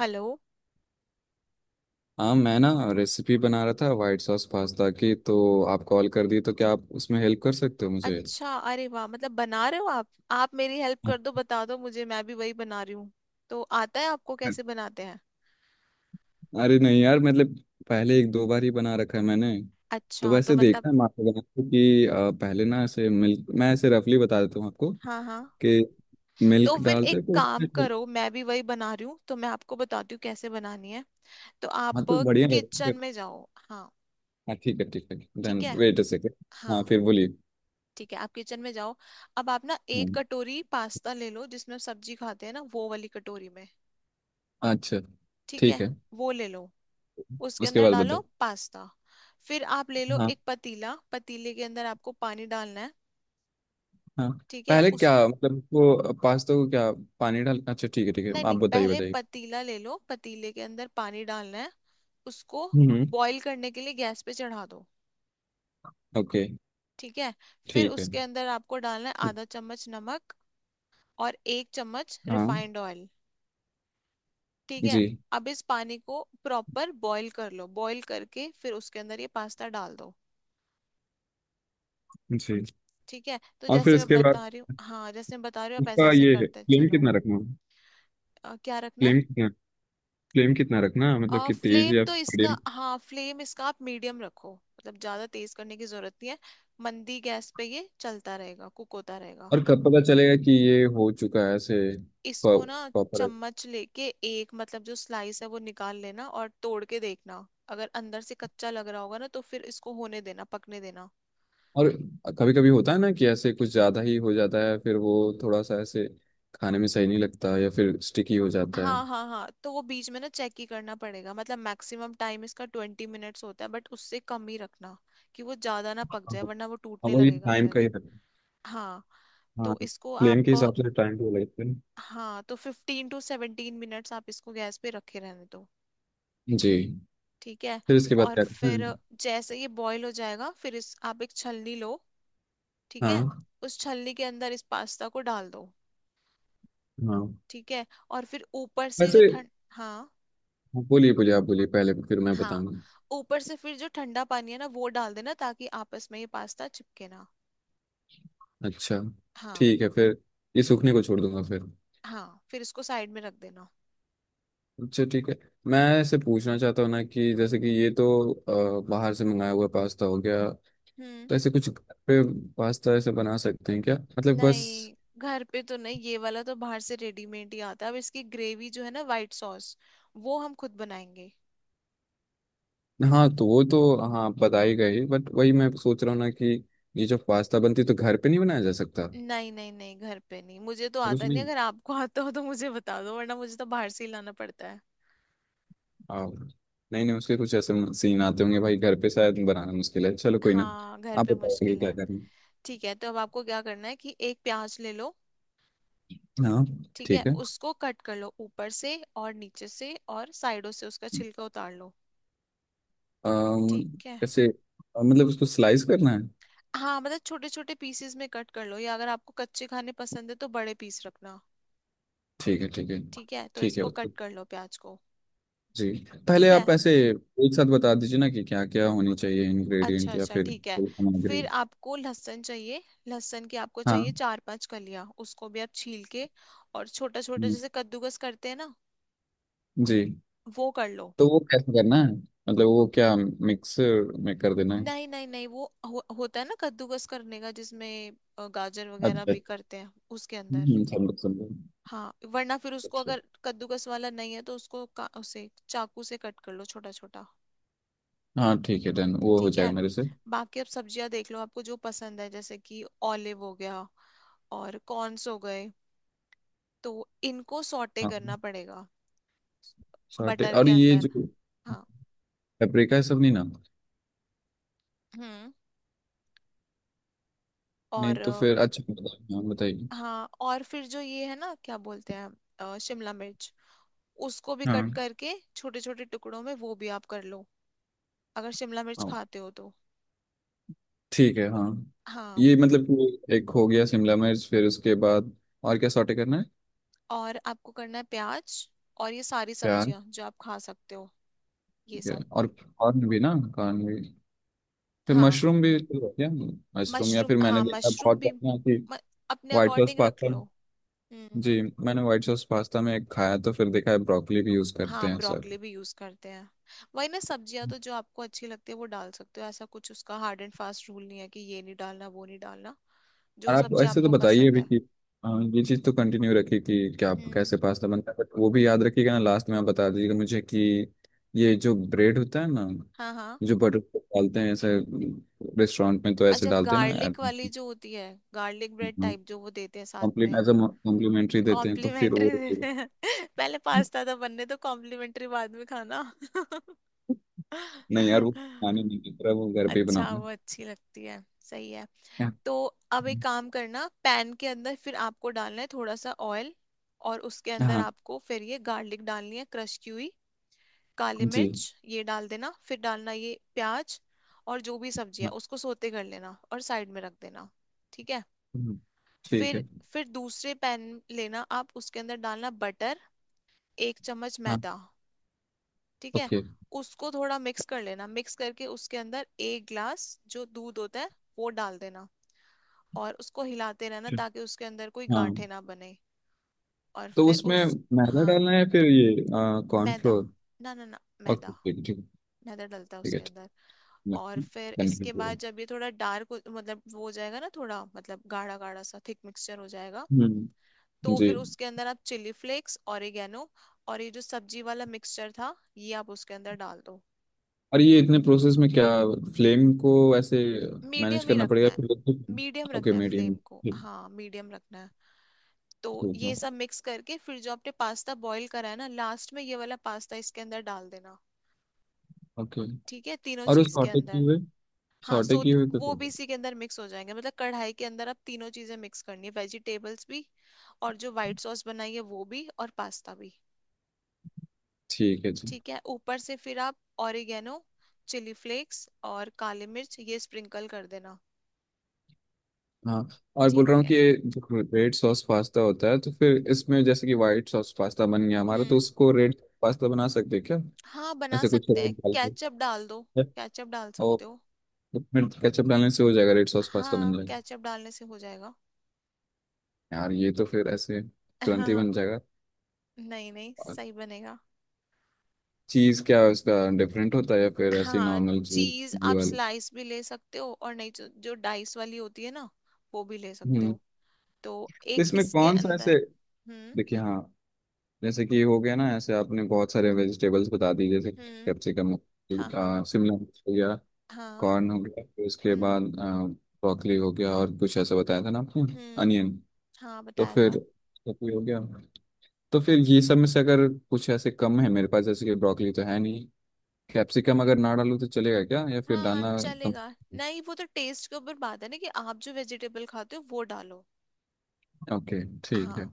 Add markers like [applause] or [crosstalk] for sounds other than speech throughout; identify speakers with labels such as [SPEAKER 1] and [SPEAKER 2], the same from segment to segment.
[SPEAKER 1] Hello.
[SPEAKER 2] हाँ, मैं ना रेसिपी बना रहा था वाइट सॉस पास्ता की, तो आप कॉल कर दी। तो क्या आप उसमें हेल्प कर सकते हो मुझे?
[SPEAKER 1] अच्छा, अरे वाह, मतलब बना रहे हो आप मेरी हेल्प कर दो,
[SPEAKER 2] [laughs]
[SPEAKER 1] बता दो मुझे, मैं भी वही बना रही हूँ। तो आता है आपको कैसे बनाते हैं?
[SPEAKER 2] अरे नहीं यार, मतलब पहले एक दो बार ही बना रखा है मैंने। तो
[SPEAKER 1] अच्छा तो
[SPEAKER 2] वैसे
[SPEAKER 1] मतलब।
[SPEAKER 2] देखना है, मैं आपको बनाते कि पहले ना ऐसे मिल्क, मैं ऐसे रफली बता देता हूँ आपको
[SPEAKER 1] हाँ, हाँ।
[SPEAKER 2] कि
[SPEAKER 1] तो
[SPEAKER 2] मिल्क
[SPEAKER 1] फिर
[SPEAKER 2] डालते
[SPEAKER 1] एक
[SPEAKER 2] हैं, तो
[SPEAKER 1] काम
[SPEAKER 2] उसमें।
[SPEAKER 1] करो, मैं भी वही बना रही हूँ तो मैं आपको बताती हूँ कैसे बनानी है। तो आप
[SPEAKER 2] हाँ तो बढ़िया रहेगा।
[SPEAKER 1] किचन में जाओ। हाँ।
[SPEAKER 2] हाँ ठीक है ठीक है।
[SPEAKER 1] ठीक
[SPEAKER 2] डन।
[SPEAKER 1] है।
[SPEAKER 2] Wait a second.
[SPEAKER 1] हाँ,
[SPEAKER 2] हाँ फिर बोलिए।
[SPEAKER 1] ठीक है आप किचन में जाओ। अब आप ना एक
[SPEAKER 2] हम्म,
[SPEAKER 1] कटोरी पास्ता ले लो, जिसमें हम सब्जी खाते हैं ना वो वाली कटोरी में।
[SPEAKER 2] अच्छा
[SPEAKER 1] ठीक
[SPEAKER 2] ठीक
[SPEAKER 1] है,
[SPEAKER 2] है।
[SPEAKER 1] वो ले लो। उसके
[SPEAKER 2] उसके
[SPEAKER 1] अंदर
[SPEAKER 2] बाद
[SPEAKER 1] डालो
[SPEAKER 2] बताओ।
[SPEAKER 1] पास्ता। फिर आप ले लो एक पतीला, पतीले के अंदर आपको पानी डालना है।
[SPEAKER 2] हाँ
[SPEAKER 1] ठीक है
[SPEAKER 2] पहले
[SPEAKER 1] उस।
[SPEAKER 2] क्या मतलब वो पास्ता को क्या, पानी डाल, अच्छा ठीक है ठीक है,
[SPEAKER 1] नहीं
[SPEAKER 2] आप
[SPEAKER 1] नहीं,
[SPEAKER 2] बताइए
[SPEAKER 1] पहले
[SPEAKER 2] बताइए।
[SPEAKER 1] पतीला ले लो, पतीले के अंदर पानी डालना है। उसको
[SPEAKER 2] हम्म।
[SPEAKER 1] बॉईल करने के लिए गैस पे चढ़ा दो।
[SPEAKER 2] ओके।
[SPEAKER 1] ठीक है। फिर
[SPEAKER 2] ठीक है।
[SPEAKER 1] उसके अंदर आपको डालना है आधा चम्मच नमक और एक चम्मच
[SPEAKER 2] हाँ।
[SPEAKER 1] Refined oil. ठीक है।
[SPEAKER 2] जी।
[SPEAKER 1] अब इस पानी को प्रॉपर बॉईल कर लो, बॉईल करके फिर उसके अंदर ये पास्ता डाल दो।
[SPEAKER 2] जी।
[SPEAKER 1] ठीक है, तो
[SPEAKER 2] और फिर
[SPEAKER 1] जैसे मैं
[SPEAKER 2] इसके बाद
[SPEAKER 1] बता रही हूँ, हाँ जैसे मैं बता रही हूँ आप ऐसे
[SPEAKER 2] उसका
[SPEAKER 1] ऐसे
[SPEAKER 2] ये
[SPEAKER 1] करते
[SPEAKER 2] फ्लेम
[SPEAKER 1] चलो।
[SPEAKER 2] कितना रखना?
[SPEAKER 1] क्या रखना है?
[SPEAKER 2] फ्लेम कितना? फ्लेम कितना रखना, मतलब कि तेज
[SPEAKER 1] फ्लेम
[SPEAKER 2] या
[SPEAKER 1] तो इसका,
[SPEAKER 2] मीडियम?
[SPEAKER 1] हाँ फ्लेम इसका आप मीडियम रखो, मतलब ज्यादा तेज करने की जरूरत नहीं है। मंदी गैस पे ये चलता रहेगा, कुक होता रहेगा।
[SPEAKER 2] और कब पता चलेगा कि ये हो चुका है ऐसे
[SPEAKER 1] इसको ना
[SPEAKER 2] प्रॉपर?
[SPEAKER 1] चम्मच लेके एक, मतलब जो स्लाइस है वो निकाल लेना और तोड़ के देखना। अगर अंदर से कच्चा लग रहा होगा ना तो फिर इसको होने देना, पकने देना।
[SPEAKER 2] और कभी कभी होता है ना कि ऐसे कुछ ज़्यादा ही हो जाता है, फिर वो थोड़ा सा ऐसे खाने में सही नहीं लगता या फिर स्टिकी हो जाता है।
[SPEAKER 1] हाँ हाँ हाँ, तो वो बीच में ना चेक ही करना पड़ेगा, मतलब मैक्सिमम टाइम इसका 20 मिनट्स होता है बट उससे कम ही रखना कि वो ज्यादा ना पक जाए वरना वो
[SPEAKER 2] और
[SPEAKER 1] टूटने
[SPEAKER 2] वो ये
[SPEAKER 1] लगेगा
[SPEAKER 2] टाइम
[SPEAKER 1] फिर।
[SPEAKER 2] का ही है।
[SPEAKER 1] हाँ
[SPEAKER 2] हाँ,
[SPEAKER 1] तो इसको
[SPEAKER 2] प्लेन के
[SPEAKER 1] आप,
[SPEAKER 2] हिसाब से टाइम टू लगते हैं।
[SPEAKER 1] हाँ तो 15 टू 17 मिनट्स आप इसको गैस पे रखे रहने दो।
[SPEAKER 2] जी।
[SPEAKER 1] ठीक है।
[SPEAKER 2] फिर इसके बाद
[SPEAKER 1] और
[SPEAKER 2] क्या करते
[SPEAKER 1] फिर
[SPEAKER 2] हैं?
[SPEAKER 1] जैसे ये बॉईल हो जाएगा फिर इस आप एक छलनी लो। ठीक है।
[SPEAKER 2] हाँ
[SPEAKER 1] उस छलनी के अंदर इस पास्ता को डाल दो।
[SPEAKER 2] हाँ।
[SPEAKER 1] ठीक है। और फिर ऊपर से जो
[SPEAKER 2] वैसे,
[SPEAKER 1] ठंड, हाँ,
[SPEAKER 2] हाँ, बोलिए बोलिए, आप बोलिए पहले फिर मैं
[SPEAKER 1] हाँ
[SPEAKER 2] बताऊंगा।
[SPEAKER 1] ऊपर से फिर जो ठंडा पानी है ना वो डाल देना ताकि आपस में ये पास्ता चिपके ना।
[SPEAKER 2] अच्छा
[SPEAKER 1] हाँ।
[SPEAKER 2] ठीक है। फिर ये सूखने को छोड़ दूंगा फिर?
[SPEAKER 1] हाँ फिर इसको साइड में रख देना।
[SPEAKER 2] अच्छा ठीक है। मैं इसे पूछना चाहता हूँ ना कि जैसे कि ये तो बाहर से मंगाया हुआ पास्ता हो गया,
[SPEAKER 1] हम्म।
[SPEAKER 2] तो ऐसे कुछ घर पे पास्ता ऐसे बना सकते हैं क्या, मतलब बस?
[SPEAKER 1] नहीं, घर पे तो नहीं, ये वाला तो बाहर से रेडीमेड ही आता है। अब इसकी ग्रेवी जो है ना वाइट सॉस, वो हम खुद बनाएंगे।
[SPEAKER 2] हाँ तो वो तो, हाँ आप बता ही गए बट वही मैं सोच रहा हूँ ना कि ये जो पास्ता बनती है, तो घर पे नहीं बनाया जा सकता तो।
[SPEAKER 1] नहीं नहीं नहीं, घर पे नहीं, मुझे तो
[SPEAKER 2] कुछ
[SPEAKER 1] आता नहीं,
[SPEAKER 2] नहीं।
[SPEAKER 1] अगर आपको आता हो तो मुझे बता दो वरना मुझे तो बाहर से ही लाना पड़ता है।
[SPEAKER 2] हाँ। नहीं नहीं, उसके कुछ ऐसे सीन आते होंगे भाई, घर पे शायद बनाना मुश्किल है, चलो कोई ना।
[SPEAKER 1] हाँ घर
[SPEAKER 2] आप
[SPEAKER 1] पे
[SPEAKER 2] बताओगे
[SPEAKER 1] मुश्किल
[SPEAKER 2] क्या
[SPEAKER 1] है।
[SPEAKER 2] करना
[SPEAKER 1] ठीक है, तो अब आपको क्या करना है कि एक प्याज ले लो।
[SPEAKER 2] है? हाँ
[SPEAKER 1] ठीक है,
[SPEAKER 2] ठीक है।
[SPEAKER 1] उसको कट कर लो ऊपर से और नीचे से और साइडों से उसका छिलका उतार लो।
[SPEAKER 2] अम,
[SPEAKER 1] ठीक है।
[SPEAKER 2] कैसे मतलब उसको स्लाइस करना है?
[SPEAKER 1] हाँ, मतलब छोटे छोटे पीसेस में कट कर लो, या अगर आपको कच्चे खाने पसंद है तो बड़े पीस रखना।
[SPEAKER 2] ठीक है ठीक है।
[SPEAKER 1] ठीक है, तो
[SPEAKER 2] ठीक है
[SPEAKER 1] इसको
[SPEAKER 2] उसको।
[SPEAKER 1] कट कर लो प्याज को।
[SPEAKER 2] जी। पहले
[SPEAKER 1] ठीक
[SPEAKER 2] आप
[SPEAKER 1] है।
[SPEAKER 2] ऐसे एक साथ बता दीजिए ना कि क्या क्या होनी चाहिए,
[SPEAKER 1] अच्छा
[SPEAKER 2] इंग्रेडिएंट या
[SPEAKER 1] अच्छा,
[SPEAKER 2] फिर
[SPEAKER 1] ठीक है।
[SPEAKER 2] कोई सामग्री?
[SPEAKER 1] फिर आपको लहसुन चाहिए। लहसुन की आपको चाहिए
[SPEAKER 2] हाँ।
[SPEAKER 1] चार पांच कलियां, उसको भी आप छील के और छोटा छोटा
[SPEAKER 2] हम्म,
[SPEAKER 1] जैसे कद्दूकस करते हैं ना
[SPEAKER 2] जी।
[SPEAKER 1] वो कर लो।
[SPEAKER 2] तो वो कैसे करना है, मतलब वो क्या मिक्स में कर देना है?
[SPEAKER 1] नहीं नहीं नहीं, वो होता है ना कद्दूकस करने का जिसमें गाजर वगैरह
[SPEAKER 2] अच्छा,
[SPEAKER 1] भी करते हैं उसके अंदर।
[SPEAKER 2] समझ समझ।
[SPEAKER 1] हाँ वरना फिर उसको,
[SPEAKER 2] अच्छा,
[SPEAKER 1] अगर कद्दूकस वाला नहीं है तो उसको उसे चाकू से कट कर लो छोटा छोटा।
[SPEAKER 2] हाँ ठीक है, डन, वो हो
[SPEAKER 1] ठीक
[SPEAKER 2] जाएगा
[SPEAKER 1] है।
[SPEAKER 2] मेरे से।
[SPEAKER 1] बाकी आप सब्जियां देख लो, आपको जो पसंद है जैसे कि ऑलिव हो गया और कॉर्न्स हो गए, तो इनको सॉटे
[SPEAKER 2] हाँ,
[SPEAKER 1] करना पड़ेगा
[SPEAKER 2] सॉटे
[SPEAKER 1] बटर
[SPEAKER 2] और
[SPEAKER 1] के
[SPEAKER 2] ये
[SPEAKER 1] अंदर।
[SPEAKER 2] जो
[SPEAKER 1] हाँ।
[SPEAKER 2] पेपरिका है सब नहीं ना?
[SPEAKER 1] हम्म।
[SPEAKER 2] नहीं
[SPEAKER 1] और
[SPEAKER 2] तो फिर अच्छा, हाँ बताइए।
[SPEAKER 1] हाँ और फिर जो ये है ना क्या बोलते हैं, शिमला मिर्च, उसको भी कट
[SPEAKER 2] हाँ
[SPEAKER 1] करके छोटे छोटे टुकड़ों में वो भी आप कर लो, अगर शिमला मिर्च
[SPEAKER 2] हाँ
[SPEAKER 1] खाते हो तो।
[SPEAKER 2] ठीक है हाँ।
[SPEAKER 1] हाँ।
[SPEAKER 2] ये मतलब कि एक हो गया शिमला मिर्च, फिर उसके बाद और क्या सॉटे करना है?
[SPEAKER 1] और आपको करना है प्याज और ये सारी
[SPEAKER 2] प्याज।
[SPEAKER 1] सब्जियां जो आप खा सकते हो, ये
[SPEAKER 2] ठीक है।
[SPEAKER 1] सब।
[SPEAKER 2] और कॉर्न भी ना कॉर्न भी, फिर
[SPEAKER 1] हाँ
[SPEAKER 2] मशरूम भी तो है क्या? मशरूम, या
[SPEAKER 1] मशरूम,
[SPEAKER 2] फिर मैंने
[SPEAKER 1] हाँ
[SPEAKER 2] देखा
[SPEAKER 1] मशरूम
[SPEAKER 2] बहुत
[SPEAKER 1] भी
[SPEAKER 2] ना कि
[SPEAKER 1] अपने
[SPEAKER 2] व्हाइट सॉस
[SPEAKER 1] अकॉर्डिंग रख
[SPEAKER 2] पास्ता।
[SPEAKER 1] लो। हम्म।
[SPEAKER 2] जी, मैंने व्हाइट सॉस पास्ता में खाया तो फिर देखा है ब्रोकली भी यूज करते
[SPEAKER 1] हाँ
[SPEAKER 2] हैं सर।
[SPEAKER 1] ब्रोकली भी यूज करते हैं। वही ना, सब्जियां तो जो आपको अच्छी लगती है वो डाल सकते हो, ऐसा कुछ उसका हार्ड एंड फास्ट रूल नहीं है कि ये नहीं डालना वो नहीं डालना।
[SPEAKER 2] और
[SPEAKER 1] जो
[SPEAKER 2] आप
[SPEAKER 1] सब्जी
[SPEAKER 2] ऐसे तो
[SPEAKER 1] आपको
[SPEAKER 2] बताइए
[SPEAKER 1] पसंद
[SPEAKER 2] अभी
[SPEAKER 1] है।
[SPEAKER 2] कि हाँ, ये चीज़ तो कंटिन्यू रखिए कि क्या आप,
[SPEAKER 1] हम्म।
[SPEAKER 2] कैसे पास्ता बनता है, बट वो भी याद रखिएगा ना, लास्ट में आप बता दीजिएगा मुझे कि ये जो ब्रेड होता है ना,
[SPEAKER 1] हाँ हाँ।
[SPEAKER 2] जो बटर डालते हैं ऐसे रेस्टोरेंट में तो ऐसे
[SPEAKER 1] अच्छा
[SPEAKER 2] डालते हैं ना?
[SPEAKER 1] गार्लिक वाली जो होती है, गार्लिक ब्रेड टाइप जो वो देते हैं साथ में।
[SPEAKER 2] कॉम्प्लीमेंट एज अ, कॉम्प्लीमेंट्री देते हैं तो फिर वो?
[SPEAKER 1] कॉम्प्लीमेंट्री देते हैं [laughs] पहले पास्ता था बनने तो, कॉम्प्लीमेंट्री बाद में खाना।
[SPEAKER 2] नहीं यार, वो
[SPEAKER 1] [laughs]
[SPEAKER 2] खाने नहीं की तरह वो घर पे ही
[SPEAKER 1] अच्छा
[SPEAKER 2] बनाऊंगा।
[SPEAKER 1] वो अच्छी लगती है। सही है।
[SPEAKER 2] क्या?
[SPEAKER 1] तो अब एक काम करना, पैन के अंदर फिर आपको डालना है थोड़ा सा ऑयल और उसके अंदर
[SPEAKER 2] हाँ
[SPEAKER 1] आपको फिर ये गार्लिक डालनी है क्रश की हुई, काली
[SPEAKER 2] जी,
[SPEAKER 1] मिर्च ये डाल देना, फिर डालना ये प्याज और जो भी सब्जी है
[SPEAKER 2] हाँ
[SPEAKER 1] उसको सोते कर लेना और साइड में रख देना। ठीक है।
[SPEAKER 2] ठीक
[SPEAKER 1] फिर
[SPEAKER 2] है,
[SPEAKER 1] फिर दूसरे पैन लेना आप, उसके अंदर डालना बटर, एक चम्मच
[SPEAKER 2] हाँ
[SPEAKER 1] मैदा। ठीक है।
[SPEAKER 2] ओके।
[SPEAKER 1] उसको थोड़ा मिक्स कर लेना, मिक्स करके उसके अंदर एक ग्लास जो दूध होता है वो डाल देना, और उसको हिलाते रहना ताकि उसके अंदर कोई
[SPEAKER 2] हाँ
[SPEAKER 1] गांठें ना बने। और
[SPEAKER 2] तो
[SPEAKER 1] फिर
[SPEAKER 2] उसमें
[SPEAKER 1] उस,
[SPEAKER 2] मैदा
[SPEAKER 1] हाँ
[SPEAKER 2] डालना है फिर ये
[SPEAKER 1] मैदा।
[SPEAKER 2] कॉर्नफ्लोर?
[SPEAKER 1] ना ना ना, मैदा।
[SPEAKER 2] ओके ठीक ठीक,
[SPEAKER 1] मैदा डलता है
[SPEAKER 2] ठीक है
[SPEAKER 1] उसके
[SPEAKER 2] ठीक
[SPEAKER 1] अंदर। और फिर इसके बाद
[SPEAKER 2] है।
[SPEAKER 1] जब ये थोड़ा डार्क, मतलब वो हो जाएगा ना थोड़ा, मतलब गाढ़ा गाढ़ा सा थिक मिक्सचर हो जाएगा,
[SPEAKER 2] हम्म,
[SPEAKER 1] तो
[SPEAKER 2] जी।
[SPEAKER 1] फिर उसके अंदर आप चिली फ्लेक्स, ऑरिगेनो और ये जो सब्जी वाला मिक्सचर था ये आप उसके अंदर डाल दो।
[SPEAKER 2] और ये इतने प्रोसेस में क्या, फ्लेम को ऐसे मैनेज
[SPEAKER 1] मीडियम ही
[SPEAKER 2] करना
[SPEAKER 1] रखना
[SPEAKER 2] पड़ेगा
[SPEAKER 1] है। मीडियम
[SPEAKER 2] फिर? ओके
[SPEAKER 1] रखना है
[SPEAKER 2] मीडियम।
[SPEAKER 1] फ्लेम को, हाँ मीडियम रखना है। तो
[SPEAKER 2] ठीक
[SPEAKER 1] ये
[SPEAKER 2] है
[SPEAKER 1] सब मिक्स करके फिर जो आपने पास्ता बॉईल करा है ना, लास्ट में ये वाला पास्ता इसके अंदर डाल देना।
[SPEAKER 2] ओके।
[SPEAKER 1] ठीक है, तीनों
[SPEAKER 2] और उस
[SPEAKER 1] चीज के
[SPEAKER 2] सॉटे किए
[SPEAKER 1] अंदर।
[SPEAKER 2] हुए,
[SPEAKER 1] हाँ
[SPEAKER 2] सॉटे
[SPEAKER 1] सो
[SPEAKER 2] किए हुए पे
[SPEAKER 1] वो
[SPEAKER 2] कर
[SPEAKER 1] भी
[SPEAKER 2] दो।
[SPEAKER 1] इसी के अंदर मिक्स हो जाएंगे, मतलब कढ़ाई के अंदर आप तीनों चीजें मिक्स करनी है, वेजिटेबल्स भी और जो व्हाइट सॉस बनाई है वो भी और पास्ता भी।
[SPEAKER 2] ठीक है जी
[SPEAKER 1] ठीक है। ऊपर से फिर आप ऑरिगेनो, चिली फ्लेक्स और काली मिर्च ये स्प्रिंकल कर देना।
[SPEAKER 2] हाँ। और बोल रहा
[SPEAKER 1] ठीक
[SPEAKER 2] हूँ
[SPEAKER 1] है।
[SPEAKER 2] कि ये जो रेड सॉस पास्ता होता है, तो फिर इसमें जैसे कि व्हाइट सॉस पास्ता बन गया हमारा, तो
[SPEAKER 1] हम्म।
[SPEAKER 2] उसको रेड पास्ता बना सकते हैं क्या?
[SPEAKER 1] हाँ बना
[SPEAKER 2] ऐसे कुछ
[SPEAKER 1] सकते
[SPEAKER 2] रेड
[SPEAKER 1] हैं,
[SPEAKER 2] डाल
[SPEAKER 1] केचप डाल दो। केचप डाल सकते हो।
[SPEAKER 2] के। तो फिर केचप डालने से हो जाएगा, रेड सॉस पास्ता बन
[SPEAKER 1] हाँ
[SPEAKER 2] जाएगा?
[SPEAKER 1] केचप डालने से हो जाएगा।
[SPEAKER 2] यार ये तो फिर ऐसे तुरंत ही बन
[SPEAKER 1] [laughs]
[SPEAKER 2] जाएगा।
[SPEAKER 1] नहीं नहीं सही बनेगा।
[SPEAKER 2] चीज क्या है, उसका डिफरेंट होता है या फिर ऐसी
[SPEAKER 1] हाँ,
[SPEAKER 2] नॉर्मल चीज?
[SPEAKER 1] चीज आप
[SPEAKER 2] वाले।
[SPEAKER 1] स्लाइस भी ले सकते हो, और नहीं जो डाइस वाली होती है ना वो भी ले सकते
[SPEAKER 2] हम्म।
[SPEAKER 1] हो। तो
[SPEAKER 2] तो
[SPEAKER 1] एक
[SPEAKER 2] इसमें
[SPEAKER 1] इसके
[SPEAKER 2] कौन सा ऐसे,
[SPEAKER 1] अंदर। हम्म।
[SPEAKER 2] देखिए हाँ। जैसे कि हो गया ना ऐसे, आपने बहुत सारे वेजिटेबल्स बता दी जैसे
[SPEAKER 1] हम्म।
[SPEAKER 2] कैप्सिकम,
[SPEAKER 1] हाँ। हाँ।
[SPEAKER 2] शिमला मिर्च हो गया,
[SPEAKER 1] हाँ।
[SPEAKER 2] कॉर्न हो गया, फिर उसके
[SPEAKER 1] हम्म।
[SPEAKER 2] बाद ब्रोकली हो गया, और कुछ ऐसा बताया था ना आपने,
[SPEAKER 1] हम्म।
[SPEAKER 2] अनियन।
[SPEAKER 1] हाँ
[SPEAKER 2] तो
[SPEAKER 1] बताया
[SPEAKER 2] फिर
[SPEAKER 1] था।
[SPEAKER 2] ये हो गया। तो फिर ये सब में से अगर कुछ ऐसे कम है मेरे पास, जैसे कि ब्रोकली तो है नहीं, कैप्सिकम अगर ना डालूँ तो चलेगा क्या, या फिर
[SPEAKER 1] हाँ
[SPEAKER 2] डालना कम?
[SPEAKER 1] चलेगा। नहीं, वो तो टेस्ट के ऊपर बात है ना, कि आप जो वेजिटेबल खाते हो वो डालो।
[SPEAKER 2] ओके ठीक है
[SPEAKER 1] हाँ।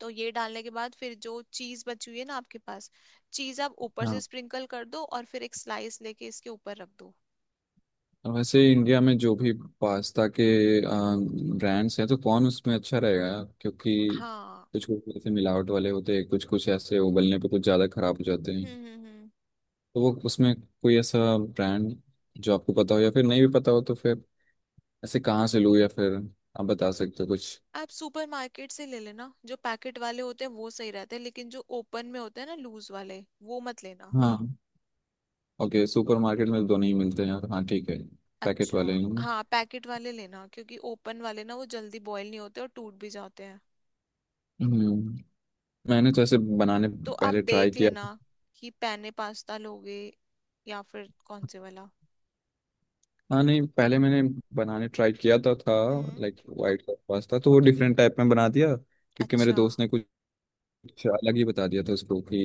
[SPEAKER 1] तो ये डालने के बाद फिर जो चीज बची हुई है ना आपके पास, चीज आप ऊपर से
[SPEAKER 2] हाँ।
[SPEAKER 1] स्प्रिंकल कर दो और फिर एक स्लाइस लेके इसके ऊपर रख दो।
[SPEAKER 2] और वैसे इंडिया में जो भी पास्ता के ब्रांड्स हैं, तो कौन उसमें अच्छा रहेगा, क्योंकि
[SPEAKER 1] हाँ।
[SPEAKER 2] कुछ कुछ ऐसे मिलावट वाले होते हैं, कुछ कुछ ऐसे उबलने पे कुछ ज़्यादा खराब हो जाते हैं।
[SPEAKER 1] हम्म।
[SPEAKER 2] तो वो उसमें कोई ऐसा ब्रांड जो आपको पता हो या फिर नहीं भी पता हो, तो फिर ऐसे कहाँ से लूँ, या फिर आप बता सकते हो कुछ?
[SPEAKER 1] आप सुपरमार्केट से ले लेना, जो पैकेट वाले होते हैं वो सही रहते हैं लेकिन जो ओपन में होते हैं ना, लूज वाले, वो मत लेना।
[SPEAKER 2] हाँ। ओके, सुपर मार्केट में तो दोनों ही मिलते हैं। हाँ ठीक है। पैकेट
[SPEAKER 1] अच्छा।
[SPEAKER 2] वाले हैं।
[SPEAKER 1] हाँ पैकेट वाले लेना क्योंकि ओपन वाले ना वो जल्दी बॉयल नहीं होते और टूट भी जाते हैं।
[SPEAKER 2] हम्म। मैंने तो ऐसे बनाने
[SPEAKER 1] तो आप
[SPEAKER 2] पहले ट्राई
[SPEAKER 1] देख
[SPEAKER 2] किया।
[SPEAKER 1] लेना कि पैने पास्ता लोगे या फिर कौन से वाला।
[SPEAKER 2] हाँ नहीं, पहले मैंने बनाने ट्राई किया था।
[SPEAKER 1] हम्म।
[SPEAKER 2] लाइक वाइट सॉस पास्ता, तो वो डिफरेंट टाइप में बना दिया क्योंकि मेरे
[SPEAKER 1] अच्छा।
[SPEAKER 2] दोस्त ने कुछ कुछ अलग ही बता दिया था उसको कि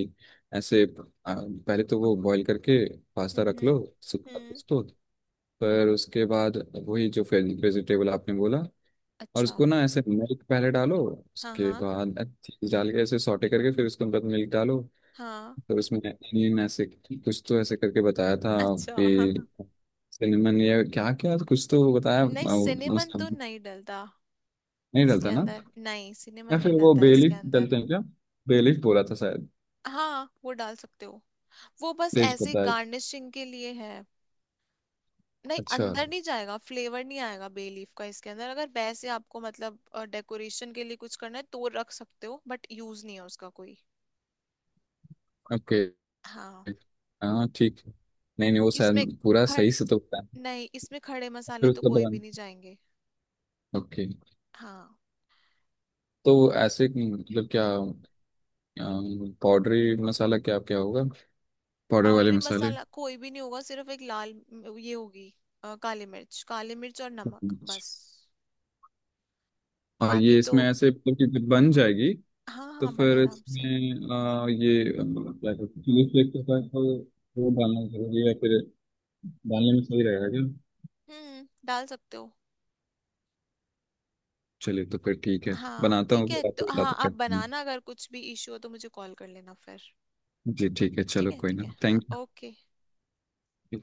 [SPEAKER 2] ऐसे पहले तो वो बॉईल करके पास्ता
[SPEAKER 1] हम्म,
[SPEAKER 2] रख लो
[SPEAKER 1] हम्म,
[SPEAKER 2] सूखा
[SPEAKER 1] हम्म,
[SPEAKER 2] उसको। पर उसके बाद वही जो वेजिटेबल आपने बोला, और
[SPEAKER 1] अच्छा।
[SPEAKER 2] उसको ना ऐसे मिल्क पहले डालो,
[SPEAKER 1] हाँ
[SPEAKER 2] उसके
[SPEAKER 1] हाँ
[SPEAKER 2] बाद चीज डाल के ऐसे सॉटे करके फिर उसके बाद मिल्क डालो।
[SPEAKER 1] हाँ।
[SPEAKER 2] तो उसमें एनियन ऐसे कुछ तो ऐसे करके बताया था।
[SPEAKER 1] अच्छा।
[SPEAKER 2] कि
[SPEAKER 1] [laughs]
[SPEAKER 2] सिनेमन ये क्या क्या कुछ तो बताया।
[SPEAKER 1] नहीं
[SPEAKER 2] वो
[SPEAKER 1] सिनेमन तो
[SPEAKER 2] मसाला
[SPEAKER 1] नहीं डलता
[SPEAKER 2] नहीं
[SPEAKER 1] इसके
[SPEAKER 2] डलता ना?
[SPEAKER 1] अंदर, नहीं सिनेमन
[SPEAKER 2] या फिर
[SPEAKER 1] नहीं
[SPEAKER 2] वो
[SPEAKER 1] डलता इसके
[SPEAKER 2] बेलीफ
[SPEAKER 1] अंदर।
[SPEAKER 2] डलते हैं क्या? बेलीफ बोला था शायद।
[SPEAKER 1] हाँ वो डाल सकते हो, वो बस
[SPEAKER 2] तेज
[SPEAKER 1] ऐसे
[SPEAKER 2] पत्ता है?
[SPEAKER 1] गार्निशिंग के लिए है। नहीं
[SPEAKER 2] अच्छा
[SPEAKER 1] अंदर नहीं जाएगा, फ्लेवर नहीं आएगा बे लीफ का इसके अंदर, अगर वैसे आपको मतलब डेकोरेशन के लिए कुछ करना है तो रख सकते हो बट यूज नहीं है उसका कोई।
[SPEAKER 2] ओके
[SPEAKER 1] हाँ।
[SPEAKER 2] हाँ ठीक। नहीं नहीं, वो
[SPEAKER 1] इसमें
[SPEAKER 2] शायद पूरा
[SPEAKER 1] खड़
[SPEAKER 2] सही से तो बताया,
[SPEAKER 1] नहीं इसमें खड़े
[SPEAKER 2] फिर
[SPEAKER 1] मसाले तो
[SPEAKER 2] उसका
[SPEAKER 1] कोई भी
[SPEAKER 2] बताना
[SPEAKER 1] नहीं जाएंगे।
[SPEAKER 2] ओके।
[SPEAKER 1] हाँ
[SPEAKER 2] तो
[SPEAKER 1] तो
[SPEAKER 2] ऐसे मतलब क्या पाउडरी मसाला क्या क्या होगा, पाउडर वाले
[SPEAKER 1] पाउडरी
[SPEAKER 2] मसाले?
[SPEAKER 1] मसाला कोई भी नहीं होगा, सिर्फ एक लाल ये होगी, काली मिर्च, काली मिर्च और नमक बस,
[SPEAKER 2] और
[SPEAKER 1] बाकी
[SPEAKER 2] ये
[SPEAKER 1] तो।
[SPEAKER 2] इसमें ऐसे मतलब कि जब बन जाएगी
[SPEAKER 1] हाँ
[SPEAKER 2] तो
[SPEAKER 1] हाँ बड़े
[SPEAKER 2] फिर
[SPEAKER 1] आराम से।
[SPEAKER 2] इसमें ये क्या कहते हैं चिली फ्लेक्स के साथ वो डालना जरूरी है फिर? डालने में सही रहेगा क्या?
[SPEAKER 1] डाल सकते हो।
[SPEAKER 2] चलिए तो फिर ठीक है,
[SPEAKER 1] हाँ
[SPEAKER 2] बनाता हूँ
[SPEAKER 1] ठीक है,
[SPEAKER 2] फिर
[SPEAKER 1] तो
[SPEAKER 2] आपको बताता
[SPEAKER 1] हाँ
[SPEAKER 2] हूँ
[SPEAKER 1] आप
[SPEAKER 2] कैसे बनाऊं।
[SPEAKER 1] बनाना, अगर कुछ भी इशू हो तो मुझे कॉल कर लेना फिर।
[SPEAKER 2] जी ठीक है, चलो कोई
[SPEAKER 1] ठीक है
[SPEAKER 2] ना,
[SPEAKER 1] हाँ
[SPEAKER 2] थैंक
[SPEAKER 1] ओके।
[SPEAKER 2] यू।